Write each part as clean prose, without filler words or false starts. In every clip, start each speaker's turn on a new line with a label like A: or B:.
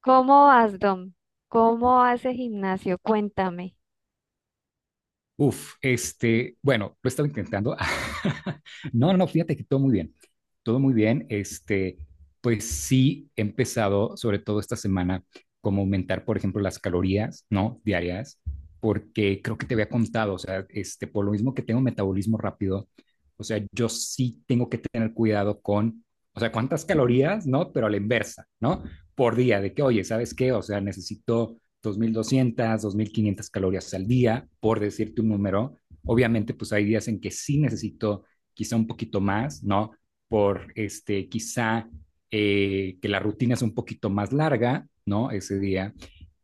A: ¿Cómo vas, Dom? ¿Cómo hace gimnasio? Cuéntame.
B: Uf, bueno, lo estaba intentando. No, no, no, fíjate que todo muy bien, todo muy bien. Pues sí he empezado, sobre todo esta semana, como aumentar, por ejemplo, las calorías, ¿no? Diarias, porque creo que te había contado, o sea, por lo mismo que tengo metabolismo rápido, o sea, yo sí tengo que tener cuidado con, o sea, cuántas calorías, ¿no? Pero a la inversa, ¿no? Por día, de que, oye, ¿sabes qué? O sea, necesito 2.200, 2.500 calorías al día, por decirte un número. Obviamente, pues hay días en que sí necesito quizá un poquito más, ¿no? Por quizá que la rutina es un poquito más larga, ¿no? Ese día,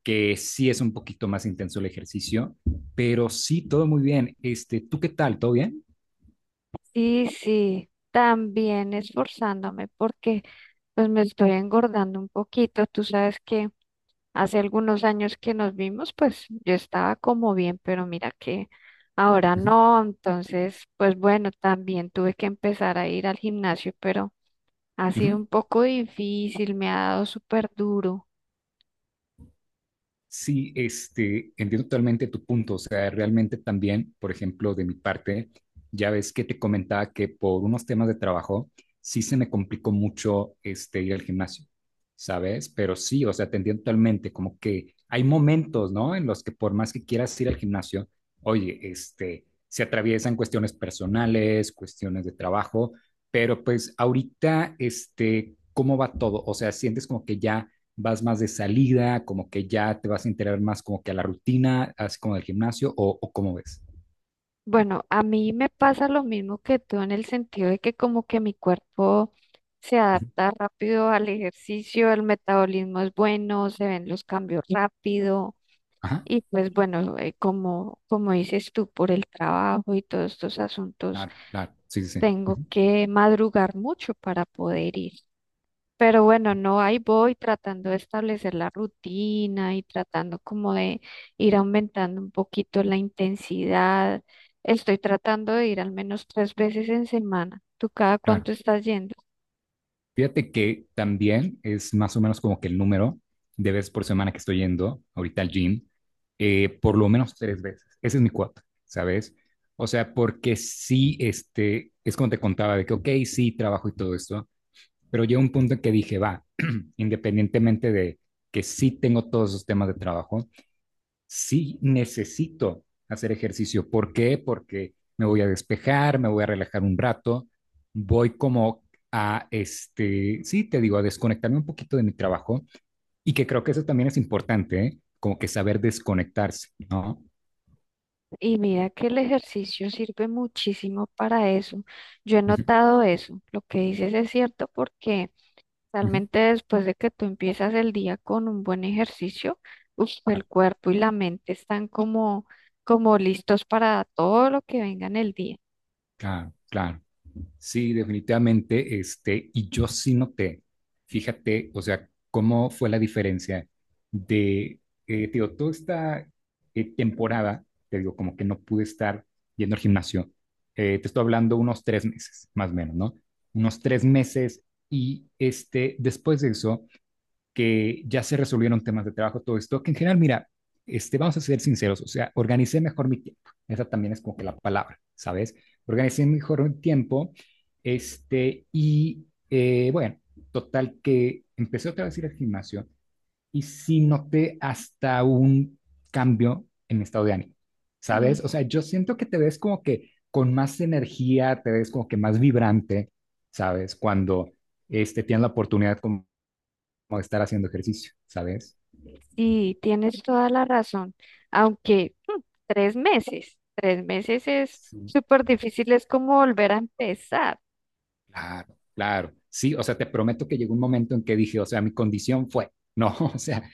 B: que sí es un poquito más intenso el ejercicio, pero sí, todo muy bien. ¿Tú qué tal? ¿Todo bien?
A: Sí, sí, también esforzándome porque pues me estoy engordando un poquito. Tú sabes que hace algunos años que nos vimos, pues yo estaba como bien, pero mira que ahora
B: Uh -huh.
A: no. Entonces, pues bueno, también tuve que empezar a ir al gimnasio, pero ha
B: Uh
A: sido
B: -huh.
A: un poco difícil, me ha dado súper duro.
B: Sí, entiendo totalmente tu punto. O sea, realmente también, por ejemplo, de mi parte, ya ves que te comentaba que por unos temas de trabajo sí se me complicó mucho ir al gimnasio, ¿sabes? Pero sí, o sea, te entiendo totalmente, como que hay momentos, ¿no? En los que por más que quieras ir al gimnasio, oye, se atraviesan cuestiones personales, cuestiones de trabajo, pero pues ahorita, ¿cómo va todo? O sea, sientes como que ya vas más de salida, como que ya te vas a integrar más como que a la rutina, así como del gimnasio, ¿o cómo ves?
A: Bueno, a mí me pasa lo mismo que tú en el sentido de que como que mi cuerpo se
B: Ujú.
A: adapta rápido al ejercicio, el metabolismo es bueno, se ven los cambios rápido.
B: Ajá,
A: Y pues bueno, como, como dices tú, por el trabajo y todos estos asuntos,
B: claro, claro, sí, sí, sí,
A: tengo
B: ujú,
A: que madrugar mucho para poder ir. Pero bueno, no, ahí voy tratando de establecer la rutina y tratando como de ir aumentando un poquito la intensidad. Estoy tratando de ir al menos tres veces en semana. ¿Tú cada
B: claro.
A: cuánto estás yendo?
B: Fíjate que también es más o menos como que el número de veces por semana que estoy yendo ahorita al gym, por lo menos tres veces. Ese es mi cuota, ¿sabes? O sea, porque sí, es como te contaba, de que, ok, sí, trabajo y todo esto, pero llega un punto en que dije, va, independientemente de que sí tengo todos esos temas de trabajo, sí necesito hacer ejercicio. ¿Por qué? Porque me voy a despejar, me voy a relajar un rato, voy como a, sí, te digo, a desconectarme un poquito de mi trabajo y que creo que eso también es importante, ¿eh? Como que saber desconectarse, ¿no?
A: Y mira que el ejercicio sirve muchísimo para eso. Yo he
B: Ujú,
A: notado eso. Lo que dices es cierto porque
B: ujú.
A: realmente después de que tú empiezas el día con un buen ejercicio, uf, el
B: Claro,
A: cuerpo y la mente están como, como listos para todo lo que venga en el día.
B: claro, claro. Sí, definitivamente, y yo sí noté, fíjate, o sea, cómo fue la diferencia de, te digo, toda esta temporada, te digo, como que no pude estar yendo al gimnasio. Te estoy hablando unos 3 meses, más o menos, ¿no? Unos 3 meses, y después de eso, que ya se resolvieron temas de trabajo, todo esto, que en general, mira, vamos a ser sinceros, o sea, organicé mejor mi tiempo. Esa también es como que la palabra, ¿sabes? Organicé mejor mi tiempo, y bueno, total que empecé otra vez a ir al gimnasio y sí noté hasta un cambio en mi estado de ánimo,
A: Mm.
B: ¿sabes? O sea, yo siento que te ves como que con más energía, te ves como que más vibrante, ¿sabes? Cuando tienes la oportunidad como estar haciendo ejercicio, ¿sabes?
A: Sí, tienes toda la razón. Aunque tres meses es
B: Sí.
A: súper difícil, es como volver a empezar.
B: Claro, claro. Sí, o sea, te prometo que llegó un momento en que dije, o sea, mi condición fue, no, o sea,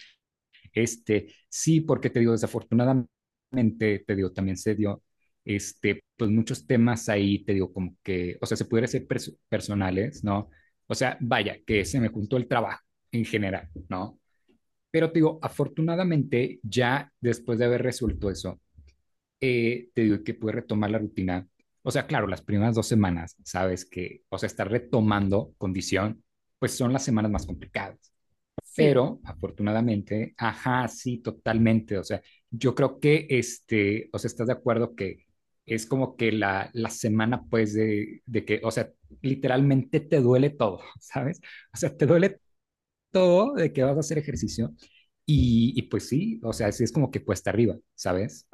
B: sí, porque te digo, desafortunadamente, te digo, también se dio, pues muchos temas ahí, te digo, como que, o sea, se pudiera ser personales, ¿no? O sea, vaya, que se me juntó el trabajo en general, ¿no? Pero te digo, afortunadamente, ya después de haber resuelto eso, te digo que pude retomar la rutina. O sea, claro, las primeras 2 semanas, sabes que, o sea, estar retomando condición, pues son las semanas más complicadas.
A: Sí.
B: Pero afortunadamente, ajá, sí, totalmente. O sea, yo creo que, o sea, estás de acuerdo que es como que la semana, pues, de que, o sea, literalmente te duele todo, ¿sabes? O sea, te duele todo de que vas a hacer ejercicio. Y pues sí, o sea, sí es como que cuesta arriba, ¿sabes?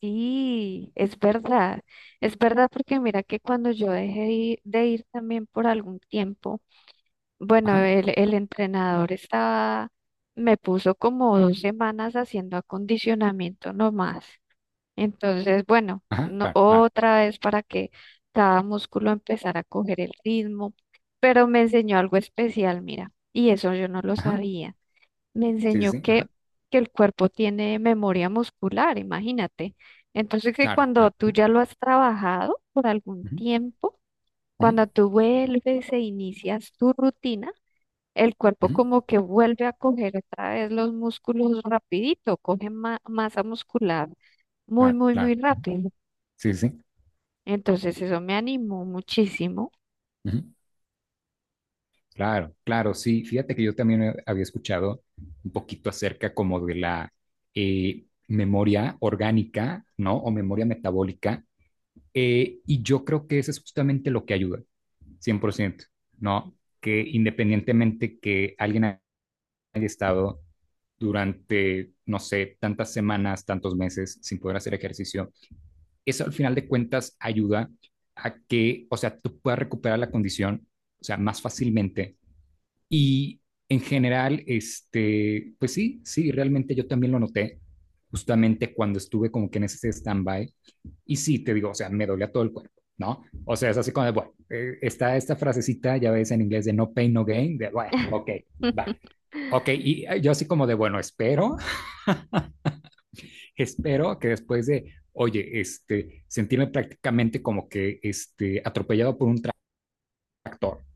A: Sí, es verdad porque mira que cuando yo dejé de ir también por algún tiempo, bueno,
B: Ajá,
A: el entrenador estaba, me puso como dos semanas haciendo acondicionamiento nomás. Entonces, bueno,
B: ajá,
A: no,
B: claro, claro.
A: otra vez para que cada músculo empezara a coger el ritmo, pero me enseñó algo especial, mira, y eso yo no lo
B: Ajá,
A: sabía. Me
B: sí,
A: enseñó
B: sí, sí, ajá,
A: que el cuerpo tiene memoria muscular, imagínate. Entonces que
B: claro,
A: cuando
B: claro.
A: tú ya lo has trabajado por algún
B: Ujú,
A: tiempo,
B: ujú,
A: cuando tú vuelves e inicias tu rutina, el cuerpo
B: ujú,
A: como que vuelve a coger otra vez los músculos rapidito, coge masa muscular muy,
B: claro,
A: muy, muy
B: claro,
A: rápido.
B: sí, sí, sí,
A: Entonces eso me animó muchísimo.
B: ujú, claro, claro, sí. Fíjate que yo también había escuchado un poquito acerca como de la memoria orgánica, ¿no? O memoria metabólica. Y yo creo que eso es justamente lo que ayuda, 100%, ¿no? Que independientemente que alguien haya estado durante, no sé, tantas semanas, tantos meses sin poder hacer ejercicio, eso al final de cuentas ayuda a que, o sea, tú puedas recuperar la condición, o sea, más fácilmente. Y en general, pues sí, sí, realmente yo también lo noté, justamente cuando estuve como que en ese stand-by. Y sí, te digo, o sea, me dolía todo el cuerpo, ¿no? O sea, es así como de, bueno, está esta frasecita, ya ves en inglés, de no pain, no gain, de, bueno, ok, vale. Ok, y yo así como de, bueno, espero espero que después de, oye, sentirme prácticamente como que atropellado por un tráfico,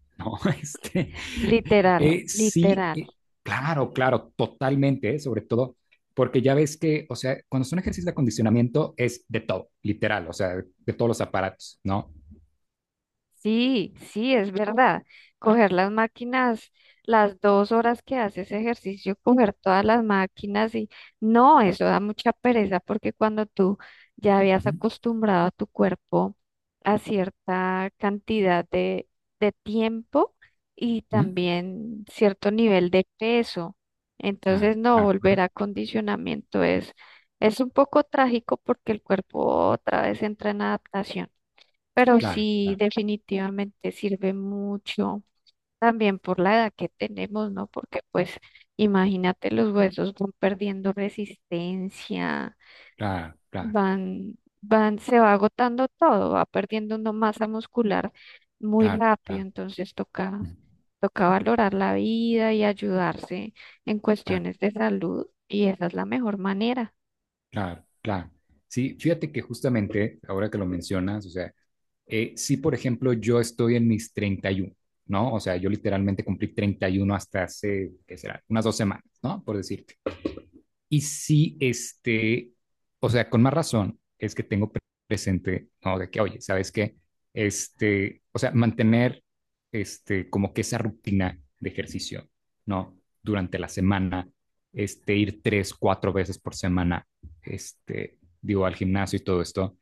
B: ¿no? Este,
A: Literal,
B: eh, sí,
A: literal.
B: claro, claro, totalmente, ¿eh? Sobre todo porque ya ves que, o sea, cuando son ejercicios de acondicionamiento es de todo, literal, o sea, de todos los aparatos, ¿no?
A: Sí, sí, es verdad. Coger las máquinas, las dos horas que haces ejercicio, coger todas las máquinas y no, eso da mucha pereza porque cuando tú ya
B: Uh
A: habías
B: -huh,
A: acostumbrado a tu cuerpo a cierta cantidad de tiempo y
B: uh -huh.
A: también cierto nivel de peso,
B: Claro,
A: entonces no
B: claro,
A: volver
B: ajá.
A: a condicionamiento es un poco trágico porque el cuerpo otra vez entra en adaptación. Pero
B: Claro,
A: sí,
B: claro,
A: definitivamente sirve mucho también por la edad que tenemos, ¿no? Porque pues imagínate, los huesos van perdiendo resistencia,
B: claro, claro,
A: van, se va agotando todo, va perdiendo una masa muscular muy
B: claro,
A: rápido,
B: claro,
A: entonces toca,
B: ujú,
A: toca valorar la vida y ayudarse en
B: claro,
A: cuestiones de salud y esa es la mejor manera.
B: claro, claro. Sí, fíjate que justamente ahora que lo mencionas, o sea, si, por ejemplo, yo estoy en mis 31, ¿no? O sea, yo literalmente cumplí 31 hasta hace, ¿qué será? Unas 2 semanas, ¿no? Por decirte. Y sí, o sea, con más razón es que tengo presente, ¿no? De que, oye, ¿sabes qué? O sea, mantener, como que esa rutina de ejercicio, ¿no? Durante la semana, ir tres, cuatro veces por semana, digo, al gimnasio y todo esto,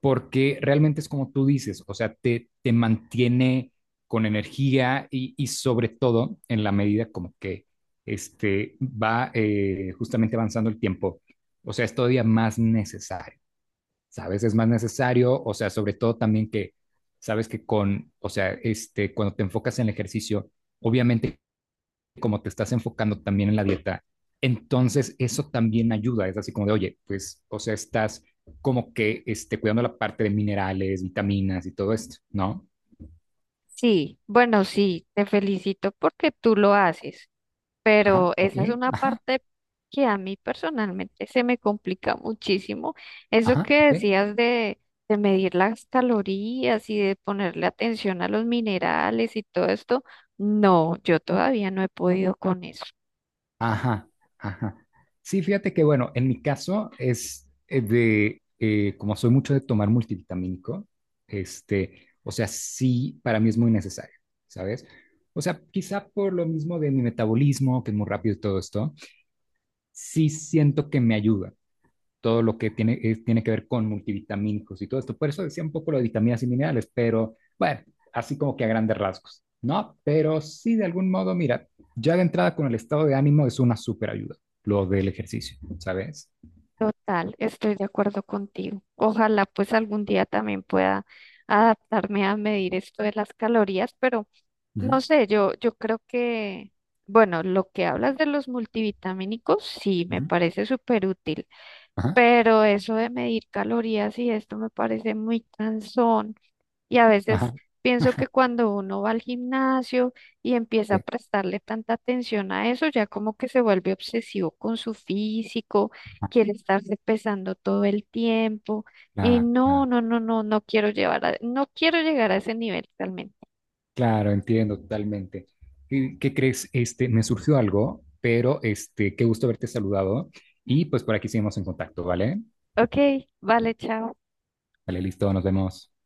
B: porque realmente es como tú dices, o sea, te mantiene con energía y sobre todo en la medida como que va justamente avanzando el tiempo, o sea, es todavía más necesario, ¿sabes? Es más necesario, o sea, sobre todo también que, sabes que con, o sea, cuando te enfocas en el ejercicio, obviamente como te estás enfocando también en la dieta, entonces eso también ayuda. Es así como de, oye, pues, o sea, estás como que cuidando la parte de minerales, vitaminas y todo esto, ¿no?
A: Sí, bueno, sí, te felicito porque tú lo haces.
B: Ajá,
A: Pero
B: ok,
A: esa es una
B: ajá,
A: parte que a mí personalmente se me complica muchísimo. Eso
B: ajá,
A: que
B: ok,
A: decías de medir las calorías y de ponerle atención a los minerales y todo esto, no, yo todavía no he podido con eso.
B: ajá, ajá. Sí, fíjate que, bueno, en mi caso es de, como soy mucho de tomar multivitamínico, o sea, sí, para mí es muy necesario, ¿sabes? O sea, quizá por lo mismo de mi metabolismo, que es muy rápido y todo esto, sí siento que me ayuda todo lo que tiene que ver con multivitamínicos y todo esto. Por eso decía un poco lo de vitaminas y minerales, pero bueno, así como que a grandes rasgos, ¿no? Pero sí, de algún modo, mira, ya de entrada con el estado de ánimo es una súper ayuda, lo del ejercicio, ¿sabes?
A: Total, estoy de acuerdo contigo. Ojalá pues algún día también pueda adaptarme a medir esto de las calorías, pero
B: Ujú,
A: no sé, yo creo que, bueno, lo que hablas de los multivitamínicos, sí, me
B: ujú.
A: parece súper útil.
B: Ajá,
A: Pero eso de medir calorías y esto me parece muy cansón. Y a veces
B: ajá.
A: pienso que
B: Ajá,
A: cuando uno va al gimnasio y empieza
B: sí,
A: a prestarle tanta atención a eso, ya como que se vuelve obsesivo con su físico,
B: ah,
A: quiere estarse pesando todo el tiempo. Y
B: claro,
A: no,
B: claro,
A: no, no, no, no quiero llevar no quiero llegar a ese nivel realmente.
B: claro, entiendo totalmente. ¿Y qué crees? Me surgió algo, pero qué gusto haberte saludado y pues por aquí seguimos en contacto, ¿vale?
A: Ok, vale, chao.
B: Vale, listo, nos vemos.